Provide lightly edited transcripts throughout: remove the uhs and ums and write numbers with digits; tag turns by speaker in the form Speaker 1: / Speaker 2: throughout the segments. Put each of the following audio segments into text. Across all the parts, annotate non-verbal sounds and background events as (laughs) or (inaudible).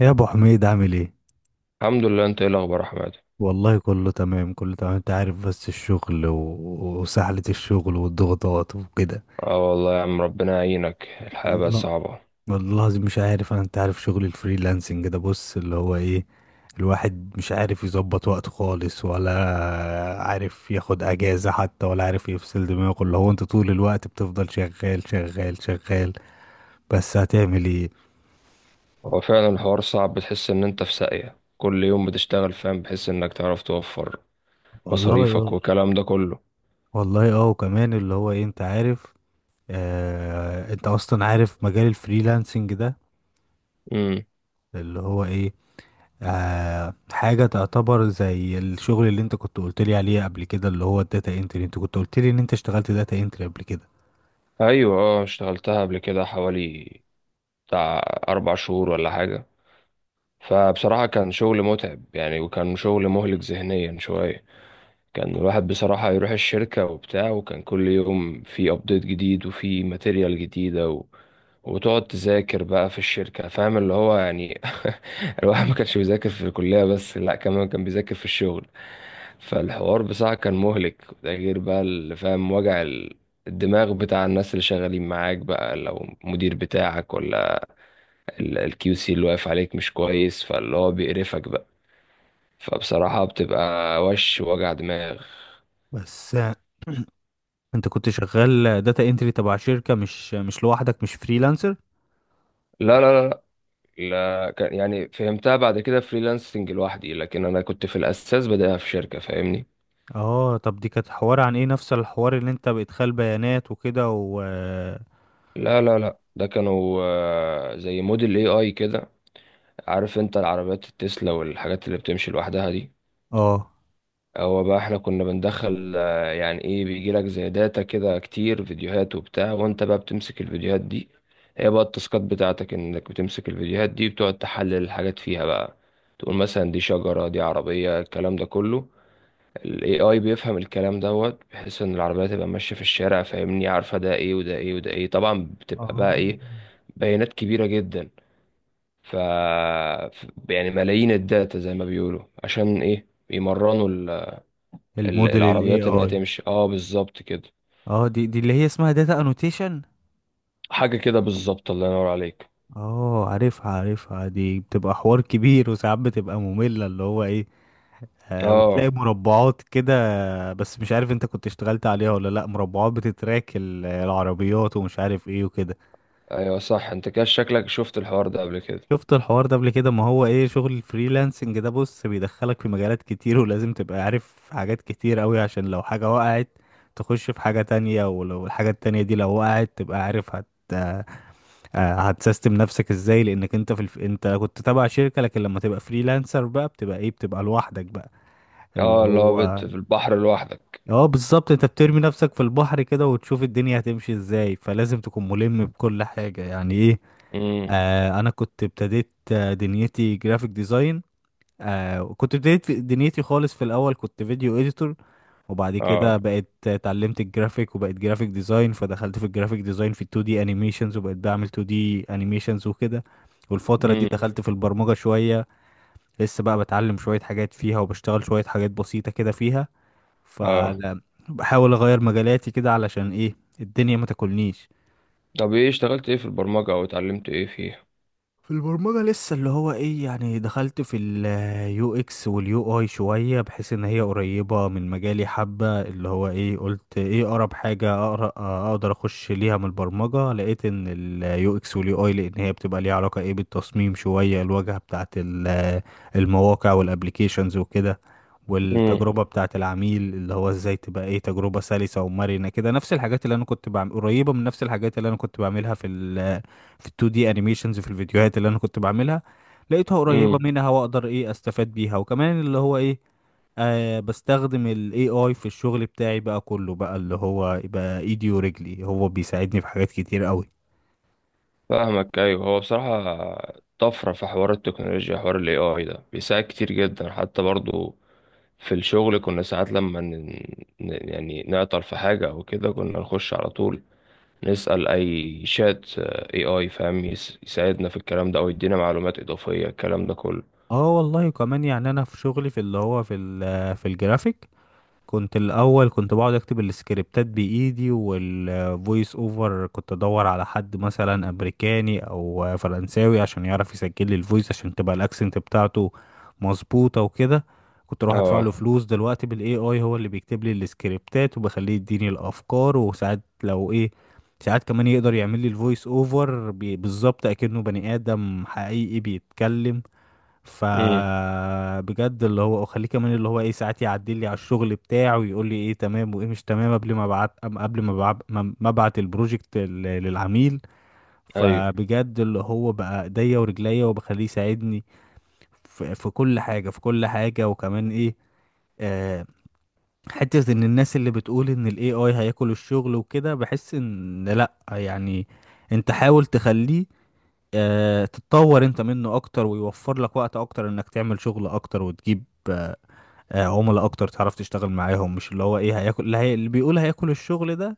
Speaker 1: يا ابو حميد، عامل ايه؟
Speaker 2: الحمد لله، انت ايه الاخبار يا احمد؟
Speaker 1: والله كله تمام كله تمام، انت عارف. بس الشغل وسحلة الشغل والضغوطات وكده.
Speaker 2: اه والله يا عم، ربنا يعينك، الحياه
Speaker 1: والله
Speaker 2: بقت
Speaker 1: لا.
Speaker 2: صعبه.
Speaker 1: والله العظيم مش عارف. انا انت عارف شغل الفريلانسنج ده، بص اللي هو ايه. الواحد مش عارف يظبط وقته خالص، ولا عارف ياخد اجازة حتى، ولا عارف يفصل دماغه. اللي هو انت طول الوقت بتفضل شغال شغال شغال، بس هتعمل ايه؟
Speaker 2: هو فعلا الحوار صعب، بتحس ان انت في ساقيه كل يوم بتشتغل، فاهم، بحيث انك تعرف توفر
Speaker 1: والله
Speaker 2: مصاريفك والكلام ده كله.
Speaker 1: والله، اه، وكمان اللي هو ايه، انت عارف. انت اصلا عارف مجال الفريلانسنج ده.
Speaker 2: امم.
Speaker 1: اللي هو ايه؟ حاجة تعتبر زي الشغل اللي انت كنت قلت لي عليه قبل كده، اللي هو الداتا انتري. انت كنت قلت لي ان انت اشتغلت داتا انتري قبل كده.
Speaker 2: ايوه، اه، اشتغلتها قبل كده حوالي بتاع 4 شهور ولا حاجه. فبصراحه كان شغل متعب يعني، وكان شغل مهلك ذهنيا شويه. كان الواحد بصراحه يروح الشركه وبتاع، وكان كل يوم في ابديت جديد وفي ماتيريال جديده، وتقعد تذاكر بقى في الشركة، فاهم اللي هو يعني. (laughs) الواحد ما كانش بيذاكر في الكلية بس، لا كمان كان بيذاكر في الشغل. فالحوار بصراحة كان مهلك. ده غير بقى اللي فاهم وجع الدماغ بتاع الناس اللي شغالين معاك بقى، لو مدير بتاعك ولا الكيو سي اللي واقف عليك مش كويس، فاللي هو بيقرفك بقى. فبصراحة بتبقى وش وجع دماغ.
Speaker 1: بس انت كنت شغال داتا انتري تبع شركة، مش لوحدك، مش فريلانسر.
Speaker 2: لا، لا، لا. لا كان يعني فهمتها بعد كده فريلانسنج لوحدي، لكن انا كنت في الاساس بدأها في شركة، فاهمني.
Speaker 1: اه، طب دي كانت حوار عن ايه؟ نفس الحوار اللي انت بادخال بيانات وكده و...
Speaker 2: لا، لا، لا، ده كانوا زي موديل اي اي كده. عارف انت العربيات التسلا والحاجات اللي بتمشي لوحدها دي؟
Speaker 1: اه،
Speaker 2: هو بقى احنا كنا بندخل يعني ايه، بيجيلك زي داتا كده كتير فيديوهات وبتاع، وانت بقى بتمسك الفيديوهات دي. هي بقى التاسكات بتاعتك، انك بتمسك الفيديوهات دي بتقعد تحلل الحاجات فيها بقى، تقول مثلا دي شجرة دي عربية، الكلام ده كله. الـ AI بيفهم الكلام دوت، بحيث ان العربية تبقى ماشية في الشارع، فاهمني، عارفة ده ايه وده ايه وده ايه، طبعا بتبقى بقى
Speaker 1: اه،
Speaker 2: ايه، بيانات كبيرة جدا. ف يعني ملايين الداتا زي ما بيقولوا عشان ايه يمرنوا
Speaker 1: الموديل الاي
Speaker 2: العربيات انها
Speaker 1: اي.
Speaker 2: تمشي، اه، بالظبط كده.
Speaker 1: اه، دي اللي هي اسمها داتا انوتيشن.
Speaker 2: حاجة كده بالظبط، الله ينور عليك.
Speaker 1: اه، عارفها عارفها، دي بتبقى حوار كبير وساعات بتبقى مملة، اللي هو ايه. وتلاقي
Speaker 2: اه،
Speaker 1: مربعات كده. بس مش عارف انت كنت اشتغلت عليها ولا لا. مربعات بتتراك العربيات ومش عارف ايه وكده.
Speaker 2: ايوه، صح، انت كده شكلك شفت الحوار ده قبل كده.
Speaker 1: شفت الحوار ده قبل كده. ما هو ايه شغل الفريلانسنج ده؟ بص بيدخلك في مجالات كتير، ولازم تبقى عارف حاجات كتير قوي، عشان لو حاجة وقعت تخش في حاجة تانية. ولو الحاجة التانية دي لو وقعت تبقى عارف هت آه، هتسيستم نفسك ازاي، لانك انت انت كنت تبع شركة. لكن لما تبقى فريلانسر بقى، بتبقى ايه؟ بتبقى لوحدك بقى، اللي
Speaker 2: اه، اللي هو
Speaker 1: هو...
Speaker 2: في البحر لوحدك.
Speaker 1: اه، بالظبط. انت بترمي نفسك في البحر كده وتشوف الدنيا هتمشي ازاي. فلازم تكون ملم بكل حاجة، يعني ايه.
Speaker 2: امم.
Speaker 1: انا كنت ابتديت دنيتي جرافيك ديزاين. كنت بديت دنيتي خالص، في الاول كنت فيديو اديتور. وبعد كده
Speaker 2: اه.
Speaker 1: بقيت اتعلمت الجرافيك وبقيت جرافيك ديزاين، فدخلت في الجرافيك ديزاين في 2 دي انيميشنز، وبقيت بعمل 2 دي انيميشنز وكده. والفترة دي
Speaker 2: امم.
Speaker 1: دخلت في البرمجة شوية. لسه بقى بتعلم شوية حاجات فيها، وبشتغل شوية حاجات بسيطة كده فيها.
Speaker 2: اه،
Speaker 1: فبحاول اغير مجالاتي كده، علشان ايه الدنيا ما تاكلنيش.
Speaker 2: طب ايه اشتغلت ايه في البرمجة او اتعلمت ايه فيها؟
Speaker 1: في البرمجة لسه اللي هو ايه، يعني دخلت في اليو اكس واليو اي شوية، بحيث ان هي قريبة من مجالي حبة. اللي هو ايه، قلت ايه اقرب حاجة اقرا اقدر اخش ليها من البرمجة، لقيت ان اليو اكس واليو اي، لان هي بتبقى ليها علاقة ايه بالتصميم شوية، الواجهة بتاعت المواقع والابليكيشنز وكده.
Speaker 2: امم.
Speaker 1: والتجربة بتاعة العميل، اللي هو ازاي تبقى ايه، تجربة سلسة ومرنة كده، نفس الحاجات اللي انا كنت بعمل قريبة من نفس الحاجات اللي انا كنت بعملها في ال 2D انيميشنز، في الفيديوهات اللي انا كنت بعملها. لقيتها قريبة
Speaker 2: امم.
Speaker 1: منها واقدر ايه استفاد بيها. وكمان اللي هو ايه، بستخدم ال AI في الشغل بتاعي بقى كله، بقى اللي هو يبقى ايدي ورجلي، هو بيساعدني في حاجات كتير قوي.
Speaker 2: فاهمك، ايوه، هو بصراحه طفره في حوار التكنولوجيا، حوار الـ AI ده بيساعد كتير جدا حتى برضو في الشغل، كنا ساعات لما يعني نعطل في حاجه او كده، كنا نخش على طول نسال أي شات AI، فاهم، يساعدنا في الكلام ده، او يدينا معلومات اضافيه الكلام ده كله.
Speaker 1: اه والله، كمان يعني انا في شغلي، في اللي هو في الجرافيك، كنت الاول، كنت بقعد اكتب السكريبتات بايدي، والفويس اوفر كنت ادور على حد مثلا امريكاني او فرنساوي عشان يعرف يسجل لي الفويس، عشان تبقى الاكسنت بتاعته مظبوطه وكده. كنت اروح ادفع
Speaker 2: اه.
Speaker 1: له فلوس. دلوقتي بالاي اي، هو اللي بيكتب لي السكريبتات، وبخليه يديني الافكار، وساعات لو ايه، ساعات كمان يقدر يعمل لي الفويس اوفر بالظبط اكنه بني ادم حقيقي بيتكلم.
Speaker 2: امم.
Speaker 1: فبجد اللي هو اخليه، كمان اللي هو ايه، ساعات يعدي لي على الشغل بتاعه ويقول لي ايه تمام وايه مش تمام، قبل ما ابعت قبل ما ابعت البروجكت للعميل.
Speaker 2: ايوه،
Speaker 1: فبجد اللي هو بقى ايديا ورجليا، وبخليه يساعدني في كل حاجة، في كل حاجة. وكمان ايه، آه حتة ان الناس اللي بتقول ان الاي اي هياكل الشغل وكده، بحس ان لا يعني. انت حاول تخليه تتطور انت منه اكتر، ويوفر لك وقت اكتر انك تعمل شغل اكتر، وتجيب آه، عملاء اكتر تعرف تشتغل معاهم. مش اللي هو ايه هياكل. اللي بيقول هياكل الشغل ده،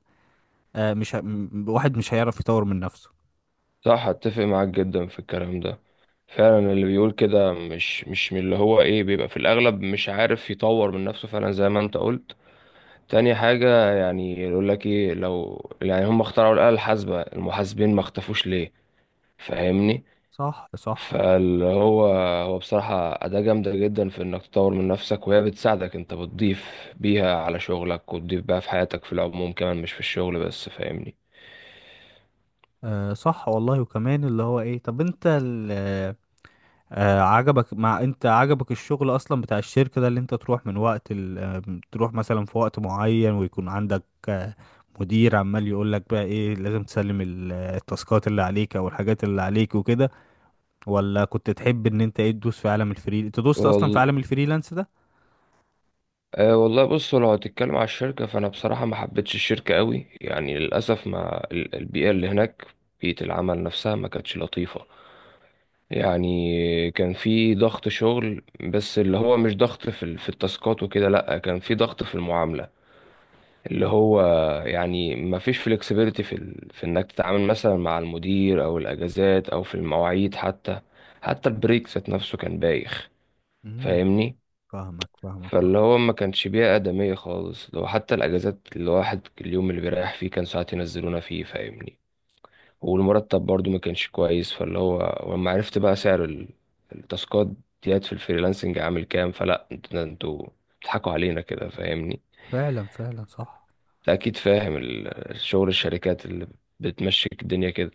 Speaker 1: مش واحد مش هيعرف يطور من نفسه.
Speaker 2: صح، اتفق معاك جدا في الكلام ده. فعلا، اللي بيقول كده مش من اللي هو ايه، بيبقى في الاغلب مش عارف يطور من نفسه، فعلا زي ما انت قلت. تاني حاجة، يعني يقول لك ايه، لو يعني هم اخترعوا الآلة الحاسبة، المحاسبين ما اختفوش ليه؟ فاهمني.
Speaker 1: صح صح.
Speaker 2: فاللي هو، هو بصراحة أداة جامدة جدا في إنك تطور من نفسك، وهي بتساعدك، أنت بتضيف بيها على شغلك وتضيف بيها في حياتك في العموم كمان، مش في الشغل بس، فاهمني.
Speaker 1: صح والله. وكمان اللي هو ايه، طب انت ال... آه، عجبك مع انت عجبك الشغل اصلا بتاع الشركة ده، اللي انت تروح من وقت ال... آه، تروح مثلا في وقت معين، ويكون عندك مدير عمال يقول لك بقى ايه، لازم تسلم التاسكات اللي عليك او الحاجات اللي عليك وكده، ولا كنت تحب ان انت ايه، تدوس في عالم انت دوست اصلا في
Speaker 2: وال...
Speaker 1: عالم الفريلانس ده؟
Speaker 2: آه، والله بص، لو هتتكلم على الشركة فأنا بصراحة ما حبيتش الشركة قوي يعني، للأسف ما البيئة اللي هناك، بيئة العمل نفسها ما كانتش لطيفة. يعني كان في ضغط شغل، بس اللي هو مش ضغط في التاسكات وكده، لا كان في ضغط في المعاملة. اللي هو، يعني ما فيش فلكسبيليتي في انك تتعامل مثلا مع المدير او الاجازات او في المواعيد حتى. حتى البريك ذات نفسه كان بايخ،
Speaker 1: امم
Speaker 2: فاهمني.
Speaker 1: فاهمك فاهمك، اه.
Speaker 2: فاللي هو ما كانش بيئة آدمية خالص، لو حتى الاجازات الواحد اليوم اللي بيريح فيه كان ساعات ينزلونا فيه، فاهمني. والمرتب برضو ما كانش كويس، فاللي هو، ولما عرفت بقى سعر التاسكات ديت في الفريلانسنج عامل كام، فلا ده انتوا بتضحكوا علينا كده، فاهمني.
Speaker 1: فعلا فعلا، صح.
Speaker 2: انت اكيد فاهم الشغل الشركات اللي بتمشيك الدنيا كده.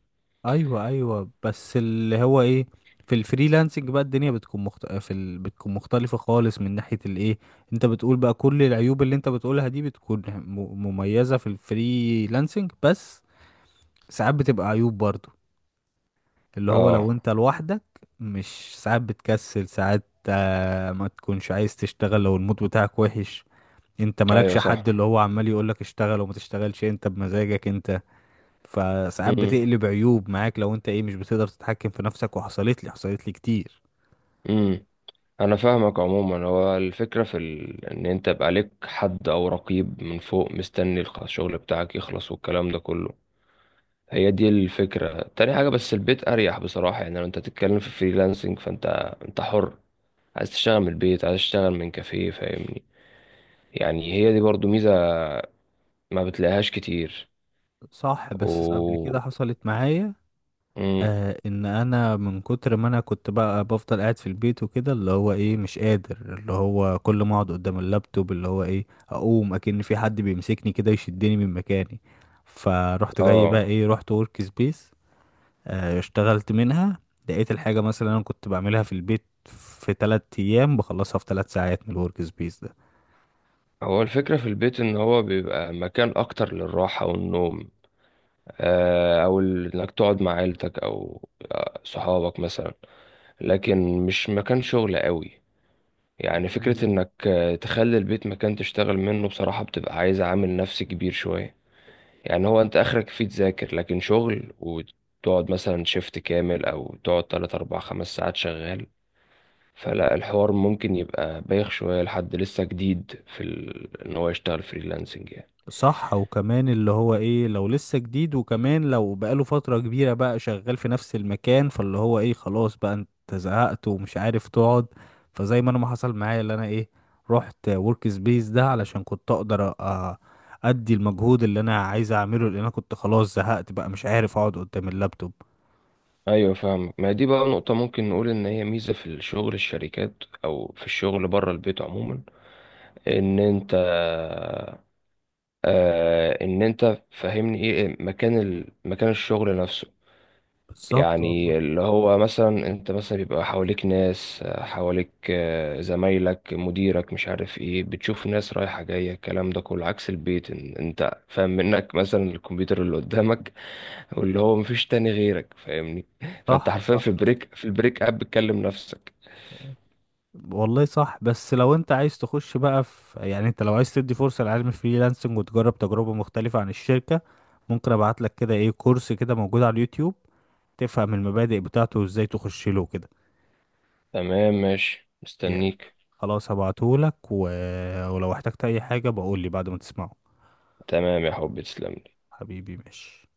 Speaker 1: ايوه ايوه، بس اللي هو ايه. في الفريلانسنج بقى الدنيا بتكون بتكون مختلفة خالص من ناحية الايه. انت بتقول بقى، كل العيوب اللي انت بتقولها دي بتكون مميزة في الفريلانسنج. بس ساعات بتبقى عيوب برضو، اللي هو لو
Speaker 2: اه،
Speaker 1: انت لوحدك، مش ساعات بتكسل ساعات، ما تكونش عايز تشتغل لو المود بتاعك وحش. انت مالكش
Speaker 2: ايوه، صح.
Speaker 1: حد اللي هو عمال يقولك اشتغل وما تشتغلش، انت بمزاجك انت. فساعات
Speaker 2: امم.
Speaker 1: بتقلب عيوب معاك، لو انت ايه، مش بتقدر تتحكم في نفسك. وحصلت لي كتير.
Speaker 2: امم. انا فاهمك، عموما هو الفكره ان انت يبقى ليك حد او رقيب من فوق مستني الشغل بتاعك يخلص والكلام ده كله. هي دي الفكرة، تاني حاجة بس البيت أريح بصراحة، يعني لو أنت تتكلم في فريلانسنج فأنت حر، عايز تشتغل من البيت، عايز تشتغل من كافيه، فاهمني. يعني هي دي برضو ميزة ما بتلاقيهاش كتير.
Speaker 1: صح. بس قبل
Speaker 2: و
Speaker 1: كده حصلت معايا
Speaker 2: مم.
Speaker 1: ان انا من كتر ما انا كنت بقى بفضل قاعد في البيت وكده، اللي هو ايه، مش قادر، اللي هو كل ما اقعد قدام اللابتوب اللي هو ايه، اقوم اكن في حد بيمسكني كده يشدني من مكاني. فروحت جاي بقى
Speaker 2: اه،
Speaker 1: ايه، رحت ورك سبيس. اشتغلت منها. لقيت الحاجة، مثلا انا كنت بعملها في البيت في 3 ايام، بخلصها في 3 ساعات من الورك سبيس ده.
Speaker 2: هو الفكرة في البيت إن هو بيبقى مكان أكتر للراحة والنوم، آه، أو إنك تقعد مع عيلتك، أو صحابك مثلا، لكن مش مكان شغل قوي. يعني فكرة انك تخلي البيت مكان تشتغل منه، بصراحة بتبقى عايز عامل نفسي كبير شوية. يعني هو انت اخرك فيه تذاكر، لكن شغل وتقعد مثلا شيفت كامل، او تقعد 3 أو 4 أو 5 ساعات شغال. فلا الحوار ممكن يبقى بايخ شوية لحد لسه جديد ان هو يشتغل فريلانسنج يعني.
Speaker 1: صح. وكمان اللي هو ايه، لو لسه جديد، وكمان لو بقاله فترة كبيرة بقى شغال في نفس المكان، فاللي هو ايه خلاص بقى، انت زهقت ومش عارف تقعد. فزي ما انا، ما حصل معايا اللي انا ايه، رحت ورك سبيس ده علشان كنت اقدر ادي المجهود اللي انا عايز اعمله، لان انا كنت خلاص زهقت بقى، مش عارف اقعد قدام اللابتوب.
Speaker 2: ايوه، فاهم، ما دي بقى نقطة ممكن نقول ان هي ميزة في الشغل الشركات، او في الشغل بره البيت عموما، ان انت، ان انت فاهمني ايه، مكان الشغل نفسه.
Speaker 1: بالظبط والله.
Speaker 2: يعني اللي هو مثلا، انت مثلا بيبقى حواليك ناس، حواليك زمايلك، مديرك، مش عارف ايه، بتشوف ناس رايحة جاية، الكلام ده كله عكس البيت، إن انت فاهم منك مثلا الكمبيوتر اللي قدامك. (laughs) واللي هو مفيش تاني غيرك، فاهمني. فانت
Speaker 1: صح
Speaker 2: حرفيا
Speaker 1: صح.
Speaker 2: في البريك اب بتكلم نفسك.
Speaker 1: والله صح. بس لو انت عايز تخش بقى في، يعني انت لو عايز تدي فرصة لعلم الفريلانسنج وتجرب تجربة مختلفة عن الشركة، ممكن ابعت لك كده ايه كورس كده موجود على اليوتيوب، تفهم المبادئ بتاعته وازاي تخش له كده.
Speaker 2: تمام، ماشي،
Speaker 1: يعني،
Speaker 2: مستنيك.
Speaker 1: خلاص هبعته لك ولو احتجت اي حاجة بقول لي بعد ما تسمعه.
Speaker 2: تمام يا حبيبي، تسلم.
Speaker 1: حبيبي، ماشي.